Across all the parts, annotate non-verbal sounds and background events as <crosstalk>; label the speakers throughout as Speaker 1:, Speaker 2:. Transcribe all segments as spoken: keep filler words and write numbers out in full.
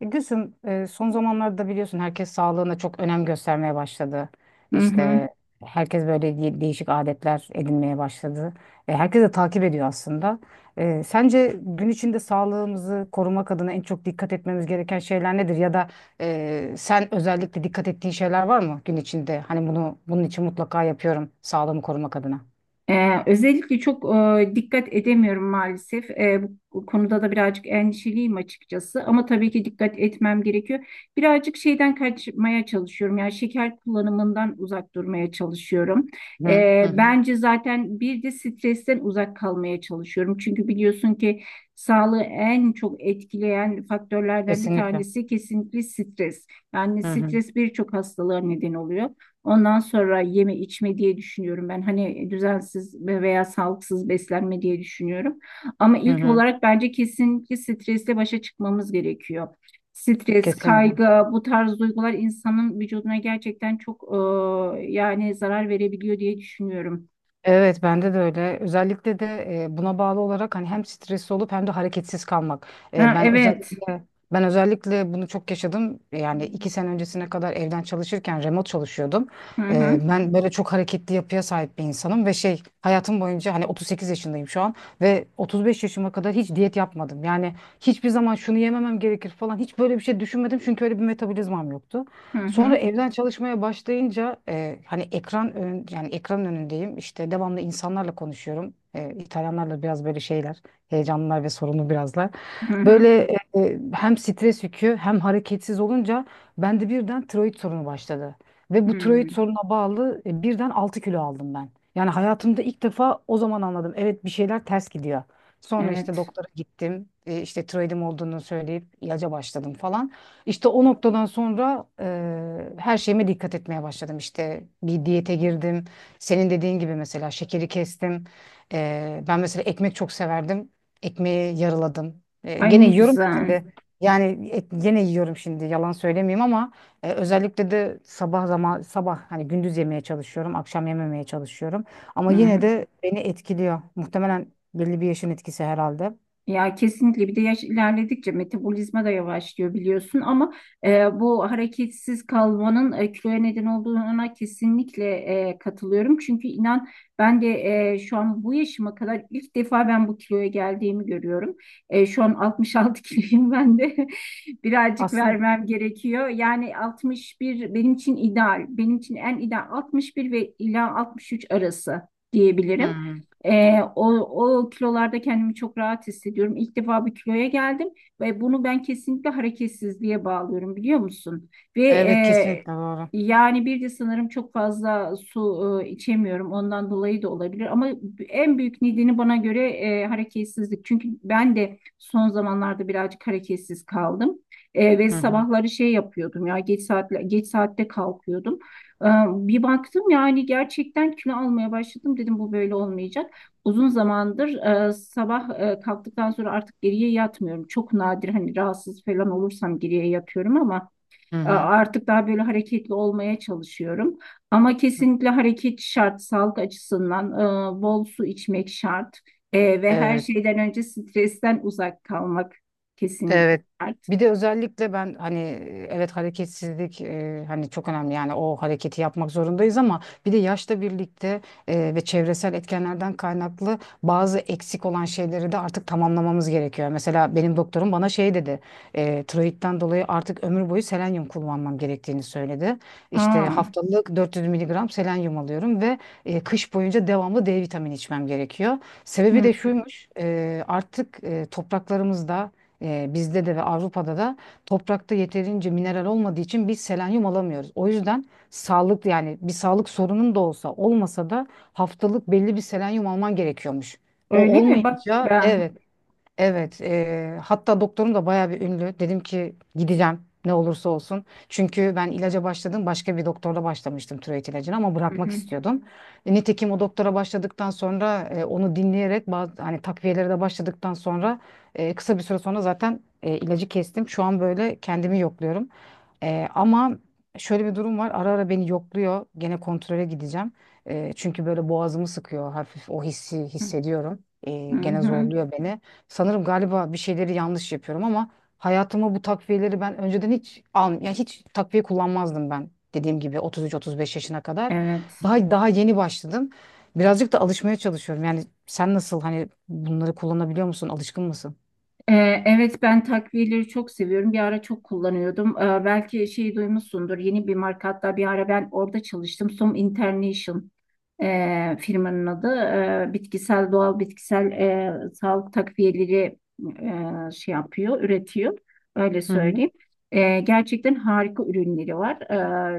Speaker 1: Gülsüm, e, son zamanlarda biliyorsun herkes sağlığına çok önem göstermeye başladı.
Speaker 2: Hı hı.
Speaker 1: İşte herkes böyle de- değişik adetler edinmeye başladı. E, Herkes de takip ediyor aslında. E, Sence gün içinde sağlığımızı korumak adına en çok dikkat etmemiz gereken şeyler nedir? Ya da e, sen özellikle dikkat ettiğin şeyler var mı gün içinde? Hani bunu bunun için mutlaka yapıyorum sağlığımı korumak adına.
Speaker 2: Ee, özellikle çok e, dikkat edemiyorum maalesef. Ee, bu konuda da birazcık endişeliyim açıkçası. Ama tabii ki dikkat etmem gerekiyor. Birazcık şeyden kaçmaya çalışıyorum. Yani şeker kullanımından uzak durmaya çalışıyorum.
Speaker 1: Hı hı
Speaker 2: Ee,
Speaker 1: hı.
Speaker 2: bence zaten bir de stresten uzak kalmaya çalışıyorum. Çünkü biliyorsun ki sağlığı en çok etkileyen faktörlerden bir
Speaker 1: Kesinlikle.
Speaker 2: tanesi kesinlikle stres. Yani
Speaker 1: Hı hı.
Speaker 2: stres birçok hastalığa neden oluyor. Ondan sonra yeme içme diye düşünüyorum ben. Hani düzensiz veya sağlıksız beslenme diye düşünüyorum. Ama
Speaker 1: Hı
Speaker 2: ilk
Speaker 1: hı.
Speaker 2: olarak bence kesinlikle stresle başa çıkmamız gerekiyor. Stres,
Speaker 1: Kesinlikle.
Speaker 2: kaygı, bu tarz duygular insanın vücuduna gerçekten çok e, yani zarar verebiliyor diye düşünüyorum.
Speaker 1: Evet bende de öyle. Özellikle de e, buna bağlı olarak hani hem stresli olup hem de hareketsiz kalmak. E,
Speaker 2: Ha,
Speaker 1: ben
Speaker 2: evet.
Speaker 1: özellikle ben özellikle bunu çok yaşadım. Yani iki sene öncesine kadar evden çalışırken remote çalışıyordum.
Speaker 2: Hı
Speaker 1: E,
Speaker 2: hı
Speaker 1: ben böyle çok hareketli yapıya sahip bir insanım ve şey hayatım boyunca hani otuz sekiz yaşındayım şu an ve otuz beş yaşıma kadar hiç diyet yapmadım. Yani hiçbir zaman şunu yememem gerekir falan hiç böyle bir şey düşünmedim çünkü öyle bir metabolizmam yoktu.
Speaker 2: hı hı
Speaker 1: Sonra evden çalışmaya başlayınca e, hani ekran ön, yani ekran önündeyim. İşte devamlı insanlarla konuşuyorum. E, İtalyanlarla biraz böyle şeyler, heyecanlılar ve sorunlu birazlar.
Speaker 2: hı
Speaker 1: Böyle
Speaker 2: hı.
Speaker 1: e, e, hem stres yükü hem hareketsiz olunca bende birden tiroid sorunu başladı. Ve bu tiroid
Speaker 2: Hmm.
Speaker 1: soruna bağlı e, birden altı kilo aldım ben. Yani hayatımda ilk defa o zaman anladım. Evet, bir şeyler ters gidiyor. Sonra işte
Speaker 2: Evet.
Speaker 1: doktora gittim. E, işte tiroidim olduğunu söyleyip ilaca başladım falan. İşte o noktadan sonra eee, her şeyime dikkat etmeye başladım. İşte bir diyete girdim. Senin dediğin gibi mesela şekeri kestim. Eee, ben mesela ekmek çok severdim. Ekmeği yarıladım. Eee,
Speaker 2: Ay
Speaker 1: gene
Speaker 2: ne
Speaker 1: yiyorum da
Speaker 2: güzel.
Speaker 1: şimdi. Yani et, gene yiyorum şimdi. Yalan söylemeyeyim ama e, özellikle de sabah zaman sabah hani gündüz yemeye çalışıyorum, akşam yememeye çalışıyorum.
Speaker 2: Hı
Speaker 1: Ama yine
Speaker 2: hı.
Speaker 1: de beni etkiliyor. Muhtemelen belli bir yaşın etkisi herhalde.
Speaker 2: Ya kesinlikle bir de yaş ilerledikçe metabolizma da yavaşlıyor biliyorsun ama e, bu hareketsiz kalmanın e, kiloya neden olduğuna kesinlikle e, katılıyorum. Çünkü inan ben de e, şu an bu yaşıma kadar ilk defa ben bu kiloya geldiğimi görüyorum. E, şu an altmış altı <laughs> kiloyum ben de <laughs> birazcık
Speaker 1: Aslında.
Speaker 2: vermem gerekiyor. Yani altmış bir benim için ideal, benim için en ideal altmış bir ve ila altmış üç arası
Speaker 1: Hı
Speaker 2: diyebilirim.
Speaker 1: hı.
Speaker 2: Ee, o, O kilolarda kendimi çok rahat hissediyorum. İlk defa bir kiloya geldim ve bunu ben kesinlikle hareketsizliğe bağlıyorum biliyor musun? Ve
Speaker 1: Evet
Speaker 2: e,
Speaker 1: kesinlikle doğru.
Speaker 2: Yani bir de sanırım çok fazla su e, içemiyorum. Ondan dolayı da olabilir. Ama en büyük nedeni bana göre e, hareketsizlik. Çünkü ben de son zamanlarda birazcık hareketsiz kaldım. E, ve
Speaker 1: Hı hı.
Speaker 2: sabahları şey yapıyordum ya geç saatle geç saatte kalkıyordum. Ee, Bir baktım yani gerçekten kilo almaya başladım dedim bu böyle olmayacak. Uzun zamandır e, sabah e, kalktıktan sonra artık geriye yatmıyorum. Çok nadir hani rahatsız falan olursam geriye yatıyorum ama
Speaker 1: Hı
Speaker 2: e,
Speaker 1: hı.
Speaker 2: artık daha böyle hareketli olmaya çalışıyorum. Ama kesinlikle hareket şart, sağlık açısından e, bol su içmek şart. E, ve her
Speaker 1: Evet.
Speaker 2: şeyden önce stresten uzak kalmak kesinlikle
Speaker 1: Evet.
Speaker 2: şart.
Speaker 1: Bir de özellikle ben hani evet, hareketsizlik, e, hani çok önemli yani o hareketi yapmak zorundayız ama bir de yaşla birlikte e, ve çevresel etkenlerden kaynaklı bazı eksik olan şeyleri de artık tamamlamamız gerekiyor. Mesela benim doktorum bana şey dedi, e, tiroidten dolayı artık ömür boyu selenyum kullanmam gerektiğini söyledi. İşte
Speaker 2: Aa,
Speaker 1: haftalık dört yüz miligram selenyum alıyorum ve e, kış boyunca devamlı D vitamini içmem gerekiyor. Sebebi
Speaker 2: hı.
Speaker 1: de şuymuş, e, artık e, topraklarımızda, e, bizde de ve Avrupa'da da toprakta yeterince mineral olmadığı için biz selenyum alamıyoruz. O yüzden sağlık yani bir sağlık sorunun da olsa olmasa da haftalık belli bir selenyum alman gerekiyormuş. O
Speaker 2: Öyle mi? Bak
Speaker 1: olmayınca,
Speaker 2: ben.
Speaker 1: evet. Evet, eee, hatta doktorum da bayağı bir ünlü. Dedim ki gideceğim ne olursa olsun. Çünkü ben ilaca başladım, başka bir doktorla başlamıştım tiroid ilacını ama
Speaker 2: Hı
Speaker 1: bırakmak
Speaker 2: hı,
Speaker 1: istiyordum. E, nitekim o doktora başladıktan sonra e, onu dinleyerek bazı hani takviyelere de başladıktan sonra e, kısa bir süre sonra zaten e, ilacı kestim. Şu an böyle kendimi yokluyorum. E, ama şöyle bir durum var. Ara ara beni yokluyor. Gene kontrole gideceğim. E, çünkü böyle boğazımı sıkıyor, hafif o hissi hissediyorum. E,
Speaker 2: hı
Speaker 1: gene
Speaker 2: hı.
Speaker 1: zorluyor beni. Sanırım galiba bir şeyleri yanlış yapıyorum ama hayatıma bu takviyeleri ben önceden hiç al yani hiç takviye kullanmazdım ben. Dediğim gibi otuz üç otuz beş yaşına kadar.
Speaker 2: Evet.
Speaker 1: Daha daha yeni başladım. Birazcık da alışmaya çalışıyorum. Yani sen nasıl, hani bunları kullanabiliyor musun? Alışkın mısın?
Speaker 2: Ee, evet ben takviyeleri çok seviyorum. Bir ara çok kullanıyordum. Ee, belki şeyi duymuşsundur. Yeni bir marka hatta bir ara ben orada çalıştım. Som International e, firmanın adı. Ee, bitkisel doğal bitkisel e, sağlık takviyeleri e, şey yapıyor, üretiyor. Öyle
Speaker 1: Hı hı.
Speaker 2: söyleyeyim. Ee, gerçekten harika ürünleri var.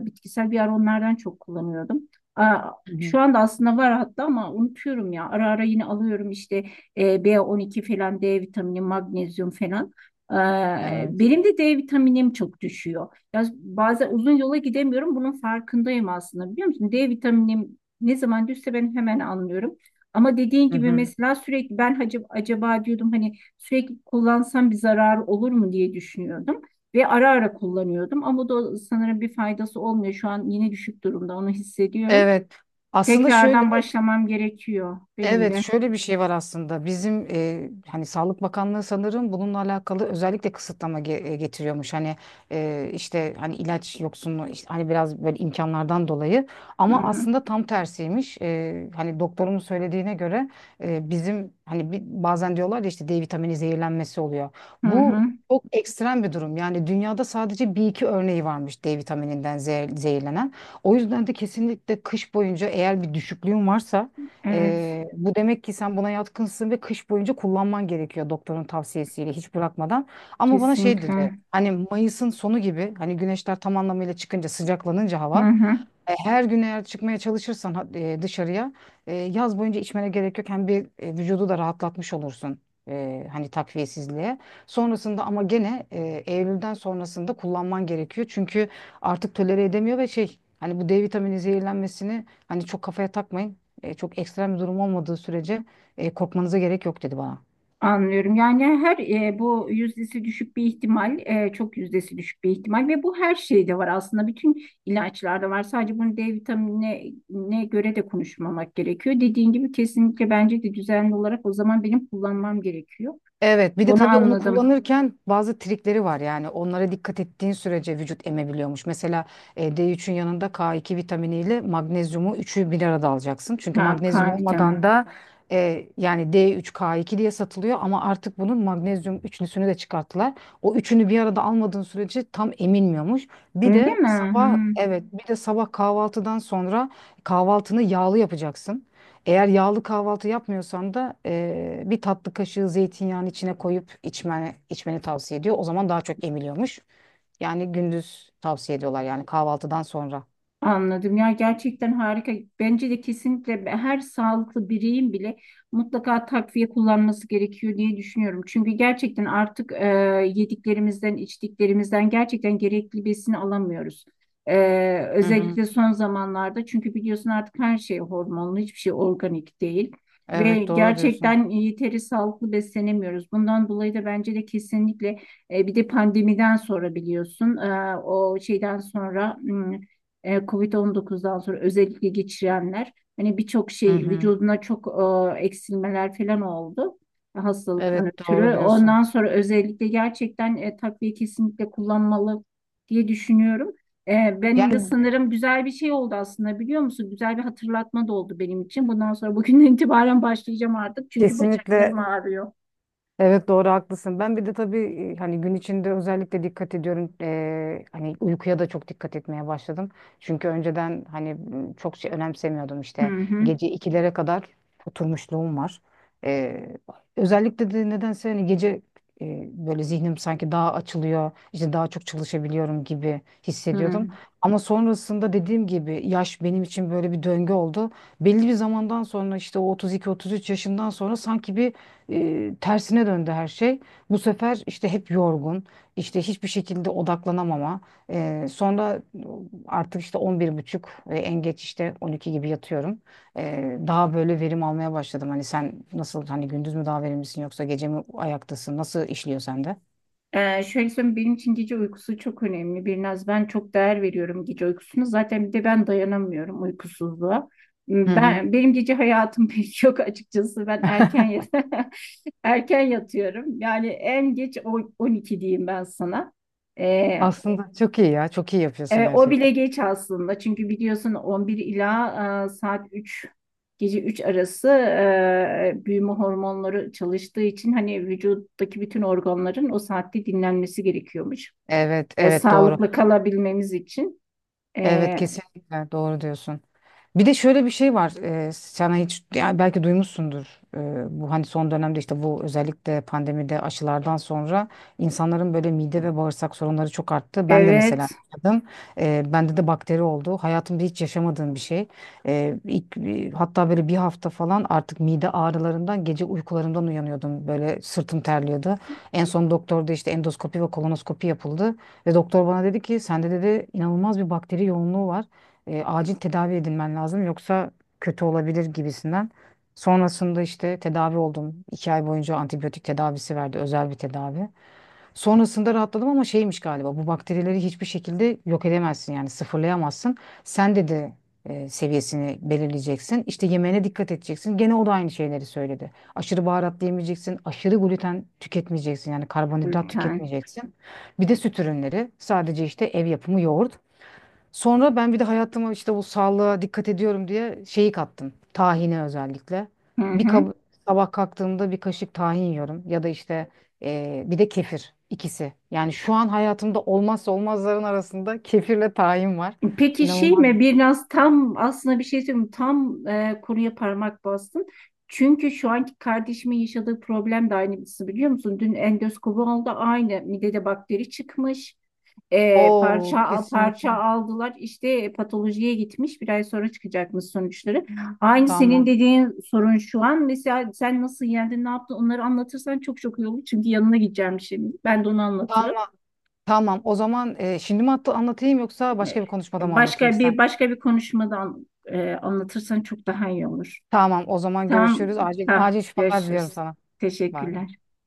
Speaker 2: Ee, bitkisel bir ara onlardan çok kullanıyordum. Aa,
Speaker 1: Hı hı.
Speaker 2: şu anda aslında var hatta ama unutuyorum ya. Ara ara yine alıyorum işte. E, b on iki falan, D vitamini, magnezyum falan. Ee,
Speaker 1: Evet.
Speaker 2: benim de D vitaminim çok düşüyor. Ya bazen uzun yola gidemiyorum. Bunun farkındayım aslında biliyor musun? D vitaminim ne zaman düşse ben hemen anlıyorum. Ama dediğin
Speaker 1: Hı
Speaker 2: gibi
Speaker 1: hı.
Speaker 2: mesela sürekli ben acaba, acaba diyordum hani sürekli kullansam bir zarar olur mu diye düşünüyordum. Ve ara ara kullanıyordum ama da sanırım bir faydası olmuyor. Şu an yine düşük durumda onu hissediyorum.
Speaker 1: Evet. Aslında şöyle
Speaker 2: Tekrardan başlamam gerekiyor benim
Speaker 1: Evet,
Speaker 2: de.
Speaker 1: şöyle bir şey var aslında. Bizim e, hani Sağlık Bakanlığı sanırım bununla alakalı özellikle kısıtlama ge- e, getiriyormuş. Hani e, işte hani ilaç yoksunluğu, işte hani biraz böyle imkanlardan dolayı,
Speaker 2: Hı
Speaker 1: ama
Speaker 2: hı.
Speaker 1: aslında tam tersiymiş. E, hani doktorumun söylediğine göre e, bizim hani bir, bazen diyorlar ya, işte D vitamini zehirlenmesi oluyor.
Speaker 2: Hı hı.
Speaker 1: Bu Çok ekstrem bir durum. Yani dünyada sadece bir iki örneği varmış D vitamininden zehir- zehirlenen. O yüzden de kesinlikle kış boyunca eğer bir düşüklüğün varsa
Speaker 2: Evet,
Speaker 1: ee, bu demek ki sen buna yatkınsın ve kış boyunca kullanman gerekiyor doktorun tavsiyesiyle hiç bırakmadan. Ama bana şey
Speaker 2: kesinlikle.
Speaker 1: dedi, hani Mayıs'ın sonu gibi hani güneşler tam anlamıyla çıkınca, sıcaklanınca
Speaker 2: Hı
Speaker 1: hava,
Speaker 2: hı,
Speaker 1: e, her gün eğer çıkmaya çalışırsan e, dışarıya, e, yaz boyunca içmene gerek yok. Hem bir e, vücudu da rahatlatmış olursun e, hani takviyesizliğe. Sonrasında ama gene e, Eylül'den sonrasında kullanman gerekiyor. Çünkü artık tolere edemiyor ve şey, hani bu D vitamini zehirlenmesini hani çok kafaya takmayın. E, çok ekstrem bir durum olmadığı sürece e, korkmanıza gerek yok dedi bana.
Speaker 2: anlıyorum. Yani her e, bu yüzdesi düşük bir ihtimal, e, çok yüzdesi düşük bir ihtimal ve bu her şeyde var aslında. Bütün ilaçlarda var. Sadece bunu D vitaminine ne göre de konuşmamak gerekiyor. Dediğin gibi kesinlikle bence de düzenli olarak o zaman benim kullanmam gerekiyor.
Speaker 1: Evet, bir de
Speaker 2: Bunu
Speaker 1: tabii onu
Speaker 2: anladım.
Speaker 1: kullanırken bazı trikleri var, yani onlara dikkat ettiğin sürece vücut emebiliyormuş. Mesela e, D üçün yanında K iki vitaminiyle magnezyumu üçü bir arada alacaksın. Çünkü
Speaker 2: Ha, K
Speaker 1: magnezyum olmadan
Speaker 2: vitamini.
Speaker 1: da e, yani D üç K iki diye satılıyor ama artık bunun magnezyum üçlüsünü de çıkarttılar. O üçünü bir arada almadığın sürece tam emilmiyormuş. Bir
Speaker 2: Öyle
Speaker 1: de
Speaker 2: mi?
Speaker 1: sabah, evet, bir de sabah kahvaltıdan sonra kahvaltını yağlı yapacaksın. Eğer yağlı kahvaltı yapmıyorsan da eee, bir tatlı kaşığı zeytinyağını içine koyup içmeni, içmeni tavsiye ediyor. O zaman daha çok emiliyormuş. Yani gündüz tavsiye ediyorlar, yani kahvaltıdan sonra.
Speaker 2: Anladım. Ya gerçekten harika. Bence de kesinlikle her sağlıklı bireyin bile mutlaka takviye kullanması gerekiyor diye düşünüyorum. Çünkü gerçekten artık e, yediklerimizden, içtiklerimizden gerçekten gerekli besini alamıyoruz. E,
Speaker 1: Hı hı.
Speaker 2: Özellikle son zamanlarda çünkü biliyorsun artık her şey hormonlu, hiçbir şey organik değil. Ve
Speaker 1: Evet doğru diyorsun.
Speaker 2: gerçekten yeteri sağlıklı beslenemiyoruz. Bundan dolayı da bence de kesinlikle e, bir de pandemiden sonra biliyorsun e, o şeyden sonra e, on dokuzdan sonra özellikle geçirenler hani birçok
Speaker 1: Hı
Speaker 2: şey
Speaker 1: hı.
Speaker 2: vücuduna çok e, eksilmeler falan oldu hastalıktan
Speaker 1: Evet doğru
Speaker 2: ötürü.
Speaker 1: diyorsun.
Speaker 2: Ondan sonra özellikle gerçekten e, takviye kesinlikle kullanmalı diye düşünüyorum. E, benim de
Speaker 1: Yani
Speaker 2: sanırım güzel bir şey oldu aslında biliyor musun? Güzel bir hatırlatma da oldu benim için. Bundan sonra bugünden <laughs> itibaren başlayacağım artık çünkü
Speaker 1: kesinlikle.
Speaker 2: bacaklarım ağrıyor.
Speaker 1: Evet doğru haklısın. Ben bir de tabii e, hani gün içinde özellikle dikkat ediyorum. Eee, hani uykuya da çok dikkat etmeye başladım. Çünkü önceden hani m, çok şey önemsemiyordum
Speaker 2: Hı
Speaker 1: işte.
Speaker 2: hı.
Speaker 1: Gece ikilere kadar oturmuşluğum var. Eee, Özellikle de nedense hani gece e, böyle zihnim sanki daha açılıyor, işte daha çok çalışabiliyorum gibi hissediyordum.
Speaker 2: Hı.
Speaker 1: Ama sonrasında dediğim gibi yaş benim için böyle bir döngü oldu. Belli bir zamandan sonra, işte o otuz iki otuz üç yaşından sonra sanki bir e, tersine döndü her şey. Bu sefer işte hep yorgun, işte hiçbir şekilde odaklanamama. E, sonra artık işte on bir buçuk ve en geç işte on iki gibi yatıyorum. E, daha böyle verim almaya başladım. Hani sen nasıl, hani gündüz mü daha verimlisin yoksa gece mi ayaktasın? Nasıl işliyor sende?
Speaker 2: Ee, şöyle söyleyeyim benim için gece uykusu çok önemli. Birnaz ben çok değer veriyorum gece uykusuna. Zaten bir de ben dayanamıyorum uykusuzluğa.
Speaker 1: Hı
Speaker 2: Hmm.
Speaker 1: hı.
Speaker 2: Ben benim gece hayatım <laughs> pek yok açıkçası. Ben erken yat- <laughs> erken yatıyorum. Yani en geç o- on iki diyeyim ben sana. Ee,
Speaker 1: Aslında çok iyi ya. Çok iyi yapıyorsun
Speaker 2: e, O bile
Speaker 1: gerçekten.
Speaker 2: geç aslında. Çünkü biliyorsun on bir ila e, saat üç gece üç arası e, büyüme hormonları çalıştığı için hani vücuttaki bütün organların o saatte dinlenmesi gerekiyormuş.
Speaker 1: Evet,
Speaker 2: E,
Speaker 1: evet doğru.
Speaker 2: sağlıklı kalabilmemiz için.
Speaker 1: Evet
Speaker 2: E,
Speaker 1: kesinlikle doğru diyorsun. Bir de şöyle bir şey var. E, sana hiç, yani belki duymuşsundur. E, bu hani son dönemde işte bu özellikle pandemide aşılardan sonra insanların böyle mide ve bağırsak sorunları çok arttı. Ben de mesela
Speaker 2: evet,
Speaker 1: yaşadım. E, bende de bakteri oldu. Hayatımda hiç yaşamadığım bir şey. E, ilk, e, hatta böyle bir hafta falan artık mide ağrılarından gece uykularımdan uyanıyordum. Böyle sırtım terliyordu. En son doktorda işte endoskopi ve kolonoskopi yapıldı. Ve doktor bana dedi ki sende dedi inanılmaz bir bakteri yoğunluğu var. E, acil tedavi edilmen lazım yoksa kötü olabilir gibisinden. Sonrasında işte tedavi oldum. İki ay boyunca antibiyotik tedavisi verdi, özel bir tedavi. Sonrasında rahatladım ama şeymiş galiba, bu bakterileri hiçbir şekilde yok edemezsin yani sıfırlayamazsın. Sen de de e, seviyesini belirleyeceksin. İşte yemeğine dikkat edeceksin. Gene o da aynı şeyleri söyledi. Aşırı baharat yemeyeceksin. Aşırı gluten tüketmeyeceksin. Yani karbonhidrat
Speaker 2: gluten.
Speaker 1: tüketmeyeceksin. Bir de süt ürünleri. Sadece işte ev yapımı yoğurt. Sonra ben bir de hayatıma işte bu sağlığa dikkat ediyorum diye şeyi kattım. Tahine özellikle.
Speaker 2: Hı
Speaker 1: Bir
Speaker 2: hı.
Speaker 1: kab- Sabah kalktığımda bir kaşık tahin yiyorum ya da işte eee, bir de kefir, ikisi. Yani şu an hayatımda olmazsa olmazların arasında kefirle tahin var.
Speaker 2: Peki şey
Speaker 1: İnanılmaz.
Speaker 2: mi?
Speaker 1: bir-
Speaker 2: Biraz tam aslında bir şey söyleyeyim. Tam e, konuya parmak bastın. Çünkü şu anki kardeşimin yaşadığı problem de aynı birisi biliyor musun? Dün endoskopu aldı aynı midede bakteri çıkmış. E,
Speaker 1: Oo,
Speaker 2: parça parça
Speaker 1: kesinlikle.
Speaker 2: aldılar işte patolojiye gitmiş bir ay sonra çıkacakmış sonuçları. Aynı senin
Speaker 1: Tamam.
Speaker 2: dediğin sorun şu an mesela sen nasıl yendin ne yaptın onları anlatırsan çok çok iyi olur çünkü yanına gideceğim şimdi ben de onu anlatırım.
Speaker 1: Tamam. Tamam. O zaman eee, şimdi mi hatta anlatayım yoksa başka bir konuşmada mı anlatayım
Speaker 2: Başka
Speaker 1: ister
Speaker 2: bir
Speaker 1: misin?
Speaker 2: başka bir konuşmadan e, anlatırsan çok daha iyi olur.
Speaker 1: Tamam. O zaman
Speaker 2: Tamam,
Speaker 1: görüşürüz. Acil
Speaker 2: ha,
Speaker 1: acil şifalar diliyorum
Speaker 2: görüşürüz.
Speaker 1: sana. Bay bay.
Speaker 2: Teşekkürler.